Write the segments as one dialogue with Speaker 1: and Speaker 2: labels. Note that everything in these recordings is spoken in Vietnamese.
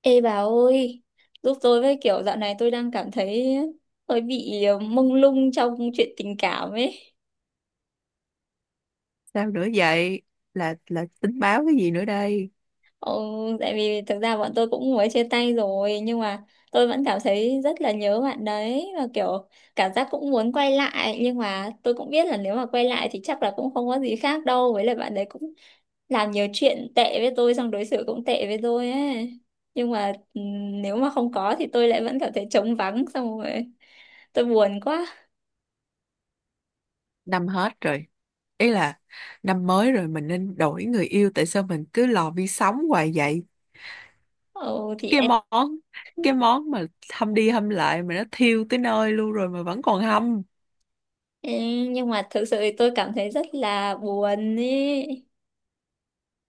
Speaker 1: Ê bà ơi, giúp tôi với, kiểu dạo này tôi đang cảm thấy hơi bị mông lung trong chuyện tình cảm ấy.
Speaker 2: Sao nữa vậy? Là tính báo cái gì nữa đây?
Speaker 1: Ồ, tại vì thực ra bọn tôi cũng mới chia tay rồi, nhưng mà tôi vẫn cảm thấy rất là nhớ bạn đấy, và kiểu cảm giác cũng muốn quay lại, nhưng mà tôi cũng biết là nếu mà quay lại thì chắc là cũng không có gì khác đâu, với lại bạn đấy cũng làm nhiều chuyện tệ với tôi, xong đối xử cũng tệ với tôi ấy. Nhưng mà nếu mà không có thì tôi lại vẫn cảm thấy trống vắng, xong rồi tôi buồn quá.
Speaker 2: Năm hết rồi, ý là năm mới rồi mình nên đổi người yêu. Tại sao mình cứ lò vi sóng hoài vậy?
Speaker 1: Ồ thì
Speaker 2: cái
Speaker 1: em,
Speaker 2: món cái món mà hâm đi hâm lại mà nó thiêu tới nơi luôn rồi mà vẫn còn hâm.
Speaker 1: em nhưng mà thực sự thì tôi cảm thấy rất là buồn ý.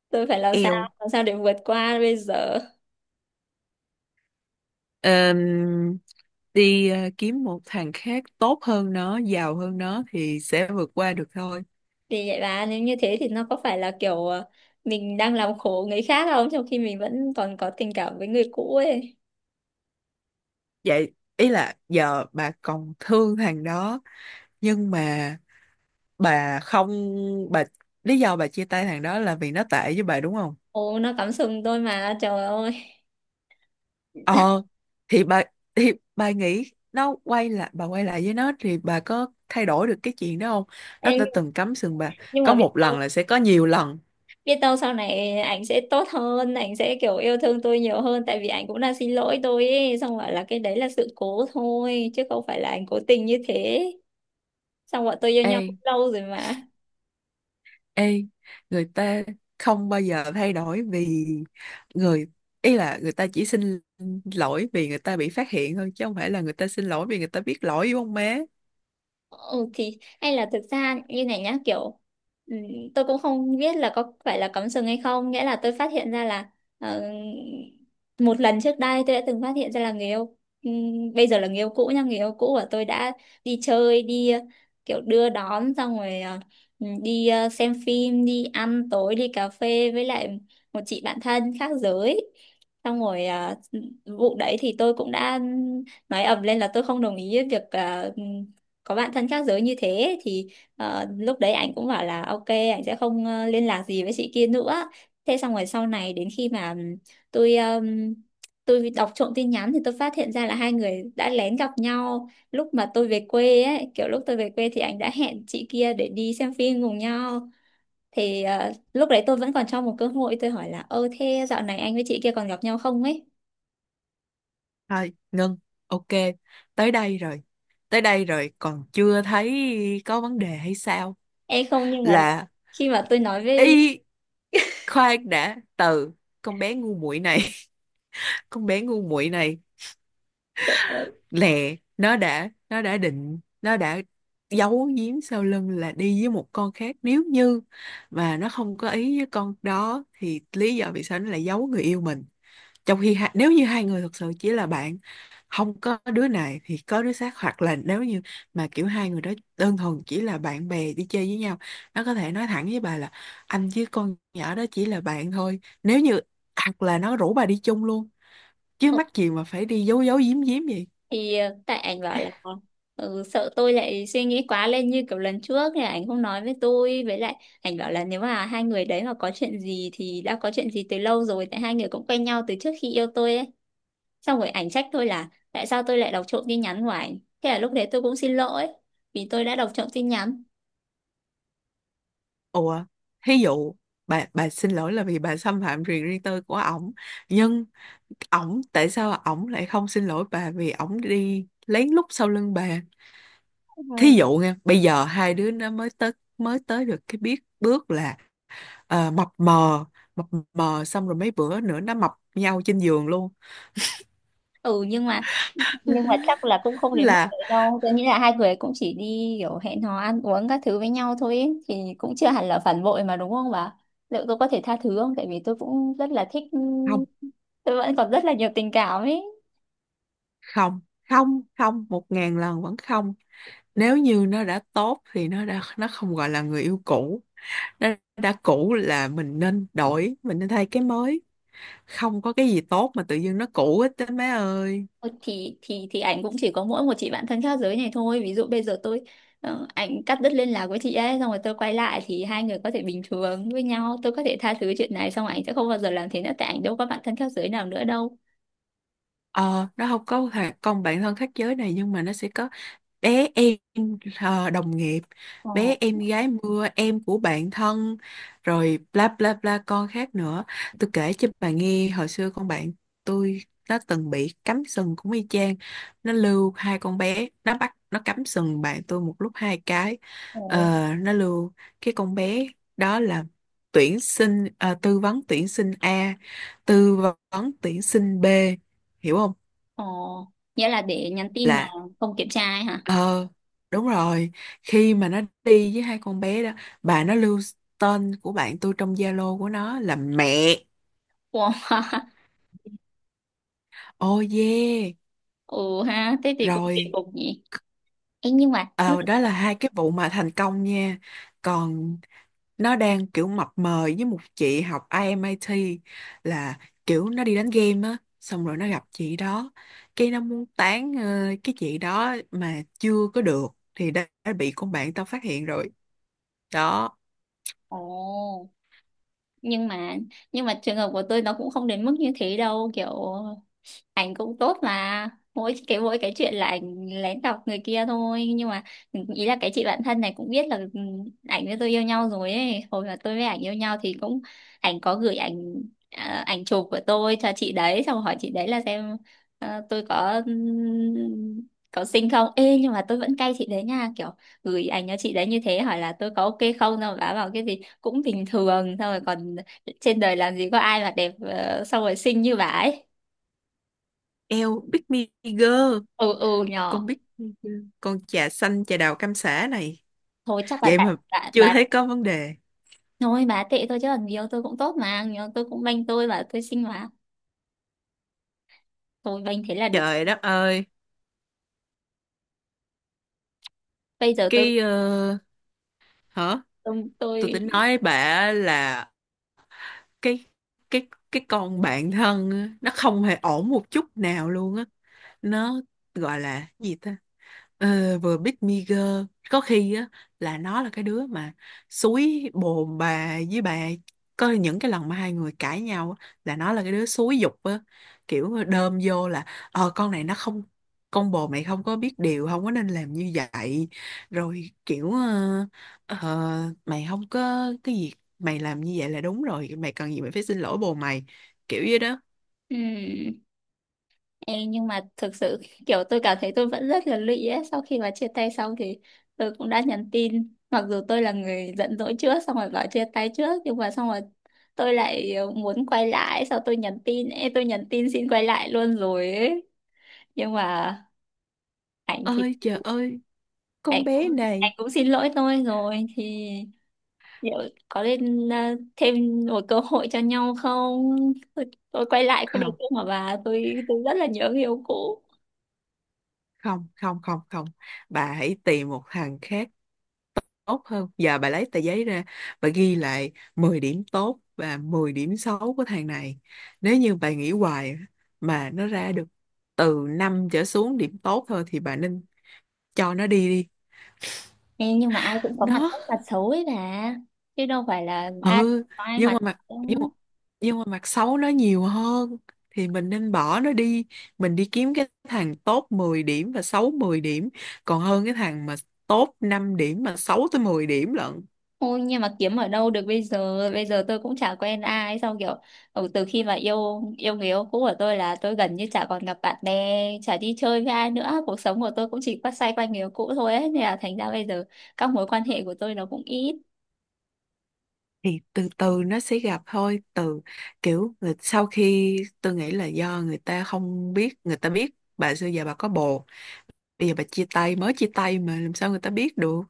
Speaker 1: Tôi phải làm sao,
Speaker 2: Eo.
Speaker 1: làm sao để vượt qua bây giờ.
Speaker 2: Ờm, Đi kiếm một thằng khác tốt hơn nó, giàu hơn nó, thì sẽ vượt qua được thôi.
Speaker 1: Thì vậy bà, nếu như thế thì nó có phải là kiểu mình đang làm khổ người khác không, trong khi mình vẫn còn có tình cảm với người cũ ấy.
Speaker 2: Vậy ý là giờ bà còn thương thằng đó, nhưng mà bà không, bà lý do bà chia tay thằng đó là vì nó tệ với bà, đúng không?
Speaker 1: Ồ, nó cắm sừng tôi mà, trời ơi.
Speaker 2: Ờ thì bà thì bà nghĩ nó quay lại, bà quay lại với nó thì bà có thay đổi được cái chuyện đó không? Nó
Speaker 1: Em
Speaker 2: đã từng cắm sừng bà,
Speaker 1: nhưng
Speaker 2: có
Speaker 1: mà biết
Speaker 2: một lần
Speaker 1: đâu,
Speaker 2: là sẽ có nhiều lần.
Speaker 1: biết đâu sau này ảnh sẽ tốt hơn, ảnh sẽ kiểu yêu thương tôi nhiều hơn, tại vì ảnh cũng đang xin lỗi tôi ấy, xong rồi là cái đấy là sự cố thôi chứ không phải là ảnh cố tình như thế. Xong bọn tôi yêu nhau
Speaker 2: ê
Speaker 1: cũng lâu rồi mà.
Speaker 2: ê người ta không bao giờ thay đổi. Vì người Ý là người ta chỉ xin lỗi vì người ta bị phát hiện thôi chứ không phải là người ta xin lỗi vì người ta biết lỗi, đúng không má?
Speaker 1: Ừ thì hay là thực ra như này nhá, kiểu ừ, tôi cũng không biết là có phải là cắm sừng hay không, nghĩa là tôi phát hiện ra là ờ, một lần trước đây tôi đã từng phát hiện ra là người yêu, ừ, bây giờ là người yêu cũ nha, người yêu cũ của tôi đã đi chơi, kiểu đưa đón, xong rồi xem phim, đi ăn tối, đi cà phê với lại một chị bạn thân khác giới. Xong rồi vụ đấy thì tôi cũng đã nói ầm lên là tôi không đồng ý việc có bạn thân khác giới như thế. Thì lúc đấy anh cũng bảo là ok, anh sẽ không liên lạc gì với chị kia nữa. Thế xong rồi sau này đến khi mà tôi ừm, tôi đọc trộm tin nhắn thì tôi phát hiện ra là hai người đã lén gặp nhau lúc mà tôi về quê ấy, kiểu lúc tôi về quê thì anh đã hẹn chị kia để đi xem phim cùng nhau. Thì lúc đấy tôi vẫn còn cho một cơ hội, tôi hỏi là ơ thế dạo này anh với chị kia còn gặp nhau không ấy.
Speaker 2: Thôi, ngưng. Ok, tới đây rồi. Tới đây rồi, còn chưa thấy có vấn đề hay sao?
Speaker 1: Em không, nhưng mà
Speaker 2: Là
Speaker 1: khi mà tôi nói
Speaker 2: y
Speaker 1: với
Speaker 2: khoan đã từ con bé ngu muội này. Con bé ngu muội này lẹ, nó đã giấu giếm sau lưng là đi với một con khác. Nếu như mà nó không có ý với con đó thì lý do vì sao nó lại giấu người yêu mình, trong khi nếu như hai người thực sự chỉ là bạn, không có đứa này thì có đứa khác. Hoặc là nếu như mà kiểu hai người đó đơn thuần chỉ là bạn bè đi chơi với nhau, nó có thể nói thẳng với bà là anh với con nhỏ đó chỉ là bạn thôi. Nếu như Hoặc là nó rủ bà đi chung luôn, chứ
Speaker 1: ờ
Speaker 2: mắc gì mà phải đi giấu giấu giếm giếm vậy?
Speaker 1: thì tại ảnh bảo là sợ tôi lại suy nghĩ quá lên như kiểu lần trước thì ảnh không nói với tôi, với lại ảnh bảo là nếu mà hai người đấy mà có chuyện gì thì đã có chuyện gì từ lâu rồi, tại hai người cũng quen nhau từ trước khi yêu tôi ấy. Xong rồi ảnh trách tôi là tại sao tôi lại đọc trộm tin nhắn của ảnh, thế là lúc đấy tôi cũng xin lỗi vì tôi đã đọc trộm tin nhắn.
Speaker 2: Ủa, thí dụ bà xin lỗi là vì bà xâm phạm quyền riêng tư của ổng, nhưng ổng tại sao ổng lại không xin lỗi bà vì ổng đi lén lút sau lưng bà? Thí dụ nha, bây giờ hai đứa nó mới tới được cái biết bước là mập mờ, mập mờ, xong rồi mấy bữa nữa nó mập nhau trên giường luôn.
Speaker 1: Ừ nhưng mà, nhưng mà chắc là cũng không đến mức
Speaker 2: là
Speaker 1: đấy đâu, tôi nghĩ là hai người cũng chỉ đi kiểu hẹn hò ăn uống các thứ với nhau thôi ấy. Thì cũng chưa hẳn là phản bội mà, đúng không bà? Liệu tôi có thể tha thứ không, tại vì tôi cũng rất là thích,
Speaker 2: Không,
Speaker 1: tôi vẫn còn rất là nhiều tình cảm ấy.
Speaker 2: không, không, không, 1.000 lần vẫn không! Nếu như nó đã tốt thì nó không gọi là người yêu cũ. Nó đã cũ là mình nên đổi, mình nên thay cái mới. Không có cái gì tốt mà tự dưng nó cũ hết á, má ơi!
Speaker 1: Ờ, thì ảnh cũng chỉ có mỗi một chị bạn thân khác giới này thôi, ví dụ bây giờ tôi ảnh cắt đứt liên lạc với chị ấy xong rồi tôi quay lại thì hai người có thể bình thường với nhau, tôi có thể tha thứ chuyện này, xong ảnh sẽ không bao giờ làm thế nữa tại ảnh đâu có bạn thân khác giới nào nữa đâu.
Speaker 2: Ờ nó không có thằng con bạn thân khác giới này, nhưng mà nó sẽ có bé em đồng nghiệp,
Speaker 1: Ờ.
Speaker 2: bé em gái mưa, em của bạn thân, rồi bla bla bla con khác nữa. Tôi kể cho bà nghe, hồi xưa con bạn tôi nó từng bị cắm sừng cũng y chang. Nó lưu hai con bé, nó bắt nó cắm sừng bạn tôi một lúc hai cái.
Speaker 1: Ừ.
Speaker 2: Nó lưu cái con bé đó là tư vấn tuyển sinh A, tư vấn tuyển sinh B, hiểu không?
Speaker 1: Ồ, nghĩa là để nhắn tin mà
Speaker 2: Là
Speaker 1: không kiểm tra ấy hả?
Speaker 2: ờ Đúng rồi. Khi mà nó đi với hai con bé đó, bà, nó lưu tên của bạn tôi trong Zalo của nó là mẹ.
Speaker 1: Wow.
Speaker 2: Oh yeah.
Speaker 1: Ồ ha, thế thì cũng kỳ
Speaker 2: Rồi,
Speaker 1: cục nhỉ. Ê, nhưng mà nhưng
Speaker 2: Ờ, đó
Speaker 1: mà
Speaker 2: là hai cái vụ mà thành công nha. Còn nó đang kiểu mập mờ với một chị học IMIT, là kiểu nó đi đánh game á, xong rồi nó gặp chị đó. Cái nó muốn tán cái chị đó mà chưa có được thì đã bị con bạn tao phát hiện rồi. Đó.
Speaker 1: ồ, nhưng mà, nhưng mà trường hợp của tôi nó cũng không đến mức như thế đâu, kiểu ảnh cũng tốt, mà mỗi cái chuyện là ảnh lén đọc người kia thôi. Nhưng mà ý là cái chị bạn thân này cũng biết là ảnh với tôi yêu nhau rồi ấy. Hồi mà tôi với ảnh yêu nhau thì cũng ảnh có gửi ảnh, à, ảnh chụp của tôi cho chị đấy, xong hỏi chị đấy là xem tôi có xinh không. Ê nhưng mà tôi vẫn cay chị đấy nha, kiểu gửi ảnh cho chị đấy như thế hỏi là tôi có ok không, xong rồi bà bảo cái gì cũng bình thường, xong rồi còn trên đời làm gì có ai mà đẹp xong rồi xinh như bà ấy.
Speaker 2: Eo, Big Me Girl!
Speaker 1: Ừ ừ
Speaker 2: Con
Speaker 1: nhỏ,
Speaker 2: Big Me Girl, con trà xanh trà đào cam sả này,
Speaker 1: thôi chắc là
Speaker 2: vậy
Speaker 1: tại
Speaker 2: mà
Speaker 1: bà,
Speaker 2: chưa
Speaker 1: bà
Speaker 2: thấy có vấn đề!
Speaker 1: thôi bà tệ thôi, chứ còn nhiều tôi cũng tốt mà, nhiều tôi cũng banh, tôi và tôi xinh mà, tôi banh thế là được.
Speaker 2: Trời đất ơi!
Speaker 1: Bây giờ tôi
Speaker 2: cái ờ, Hả?
Speaker 1: tôi,
Speaker 2: Tôi
Speaker 1: tôi
Speaker 2: tính nói bà là cái cái con bạn thân á, nó không hề ổn một chút nào luôn á. Nó gọi là gì ta? Vừa Big Meager có khi á, là nó là cái đứa mà xúi bồn bà với bà, có những cái lần mà hai người cãi nhau á, là nó là cái đứa xúi giục á, kiểu đơm vô là con này nó không, con bồ mày không có biết điều, không có nên làm như vậy. Rồi kiểu mày không có cái gì, mày làm như vậy là đúng rồi, mày cần gì mày phải xin lỗi bồ mày, kiểu vậy đó.
Speaker 1: ừm, ê, nhưng mà thực sự kiểu tôi cảm thấy tôi vẫn rất là lụy ấy. Sau khi bà chia tay xong thì tôi cũng đã nhắn tin, mặc dù tôi là người giận dỗi trước xong rồi bảo chia tay trước, nhưng mà xong rồi tôi lại muốn quay lại. Sau tôi nhắn tin, ê tôi nhắn tin xin quay lại luôn rồi ấy, nhưng mà ảnh thì
Speaker 2: Ơi trời ơi,
Speaker 1: anh
Speaker 2: con
Speaker 1: cũng
Speaker 2: bé này!
Speaker 1: anh cũng xin lỗi tôi rồi. Thì liệu có nên à, thêm một cơ hội cho nhau không? Tôi, tôi quay lại có được
Speaker 2: Không,
Speaker 1: không mà bà, tôi rất là nhớ người yêu cũ.
Speaker 2: không, không, không, không! Bà hãy tìm một thằng khác tốt hơn. Giờ bà lấy tờ giấy ra, bà ghi lại 10 điểm tốt và 10 điểm xấu của thằng này. Nếu như bà nghĩ hoài mà nó ra được từ 5 trở xuống điểm tốt thôi thì bà nên cho nó đi đi.
Speaker 1: Ê, nhưng mà ai cũng có mặt
Speaker 2: Nó
Speaker 1: tốt mặt xấu ấy bà, chứ đâu phải là ai
Speaker 2: ừ
Speaker 1: có ai
Speaker 2: nhưng mà
Speaker 1: mặt
Speaker 2: mặt nhưng mà,
Speaker 1: tốt.
Speaker 2: nhưng mà mặt xấu nó nhiều hơn, thì mình nên bỏ nó đi, mình đi kiếm cái thằng tốt 10 điểm và xấu 10 điểm, còn hơn cái thằng mà tốt 5 điểm mà xấu tới 10 điểm lận.
Speaker 1: Ôi nhưng mà kiếm ở đâu được bây giờ? Bây giờ tôi cũng chả quen ai. Xong kiểu từ khi mà yêu yêu người yêu cũ của tôi là tôi gần như chả còn gặp bạn bè, chả đi chơi với ai nữa, cuộc sống của tôi cũng chỉ quay xoay quanh người yêu cũ thôi ấy. Nên là thành ra bây giờ các mối quan hệ của tôi nó cũng ít.
Speaker 2: Thì từ từ nó sẽ gặp thôi. Sau khi tôi nghĩ là do người ta không biết. Người ta biết bà xưa giờ bà có bồ, bây giờ bà chia tay, mới chia tay, mà làm sao người ta biết được?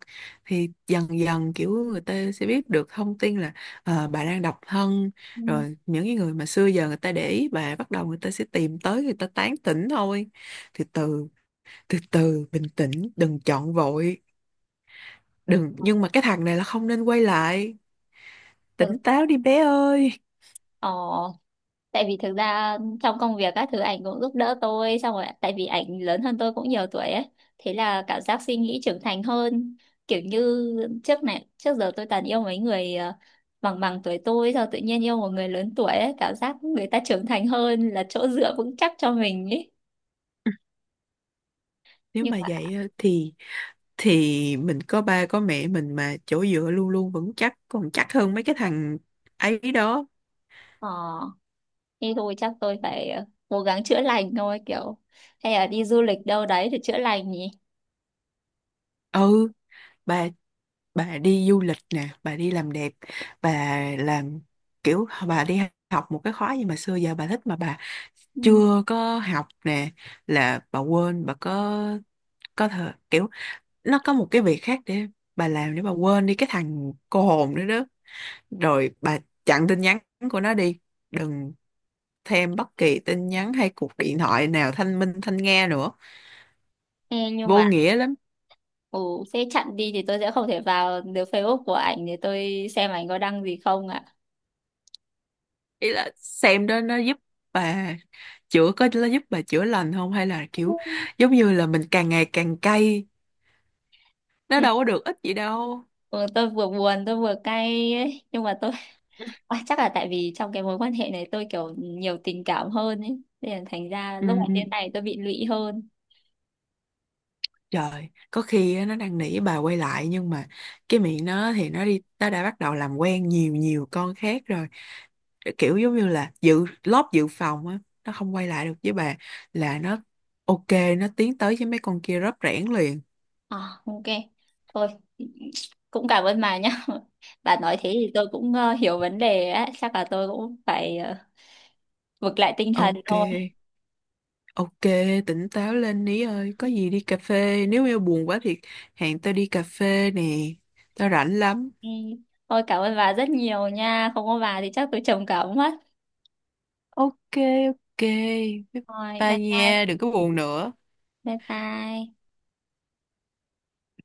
Speaker 2: Thì dần dần kiểu người ta sẽ biết được thông tin là bà đang độc thân,
Speaker 1: Ừ.
Speaker 2: rồi những cái người mà xưa giờ người ta để ý bà, bắt đầu người ta sẽ tìm tới, người ta tán tỉnh thôi. Từ từ, từ từ, bình tĩnh, đừng chọn vội. Đừng, nhưng mà cái thằng này là không nên quay lại. Tỉnh
Speaker 1: Thực,
Speaker 2: táo đi bé ơi.
Speaker 1: ờ tại vì thực ra trong công việc các thứ ảnh cũng giúp đỡ tôi, xong rồi tại vì ảnh lớn hơn tôi cũng nhiều tuổi ấy, thế là cảm giác suy nghĩ trưởng thành hơn, kiểu như trước này trước giờ tôi toàn yêu mấy người bằng bằng tuổi tôi, sao tự nhiên yêu một người lớn tuổi ấy cảm giác người ta trưởng thành hơn, là chỗ dựa vững chắc cho mình ấy.
Speaker 2: Nếu
Speaker 1: Nhưng
Speaker 2: mà
Speaker 1: mà
Speaker 2: vậy á, thì mình có ba có mẹ mình mà, chỗ dựa luôn luôn vững chắc, còn chắc hơn mấy cái thằng ấy đó.
Speaker 1: ờ, thế thôi chắc tôi phải cố gắng chữa lành thôi, kiểu hay là đi du lịch đâu đấy để chữa lành nhỉ.
Speaker 2: Ừ, bà bà đi du lịch nè, bà đi làm đẹp, bà làm kiểu bà đi học một cái khóa gì mà xưa giờ bà thích mà bà
Speaker 1: Ừ.
Speaker 2: chưa có học nè. Là bà quên, bà có thể kiểu nó có một cái việc khác để bà làm, để bà quên đi cái thằng cô hồn nữa đó. Rồi bà chặn tin nhắn của nó đi, đừng thêm bất kỳ tin nhắn hay cuộc điện thoại nào thanh minh thanh nghe nữa.
Speaker 1: Ê, nhưng
Speaker 2: Vô
Speaker 1: mà
Speaker 2: nghĩa lắm.
Speaker 1: ồ, thế chặn đi thì tôi sẽ không thể vào được Facebook của ảnh để tôi xem ảnh có đăng gì không ạ.
Speaker 2: Ý là xem đó, bà nó giúp bà chữa lành không, hay là kiểu giống như là mình càng ngày càng cay, nó đâu có được ích gì đâu?
Speaker 1: Ừ, tôi vừa buồn, tôi vừa cay ấy. Nhưng mà tôi à, chắc là tại vì trong cái mối quan hệ này tôi kiểu nhiều tình cảm hơn ấy. Nên là thành ra
Speaker 2: Ừ.
Speaker 1: lúc mà thế này tôi bị lụy hơn.
Speaker 2: Trời, có khi á, nó đang nỉ bà quay lại nhưng mà cái miệng nó thì nó đã bắt đầu làm quen nhiều nhiều con khác rồi. Kiểu giống như là dự lót dự phòng á, nó không quay lại được với bà là nó ok, nó tiến tới với mấy con kia rớp rẻn liền.
Speaker 1: À, ok. Thôi, cũng cảm ơn bà nhá. Bà nói thế thì tôi cũng hiểu vấn đề á. Chắc là tôi cũng phải vực lại tinh thần
Speaker 2: Ok,
Speaker 1: thôi.
Speaker 2: ok, tỉnh táo lên ní ơi, có gì đi cà phê, nếu yêu buồn quá thì hẹn tao đi cà phê nè, tao rảnh lắm.
Speaker 1: Ừ. Thôi cảm ơn bà rất nhiều nha. Không có bà thì chắc tôi trầm cảm mất.
Speaker 2: Ok, ok, bye
Speaker 1: Rồi, bye
Speaker 2: bye
Speaker 1: bye,
Speaker 2: nha, đừng có buồn nữa.
Speaker 1: bye bye.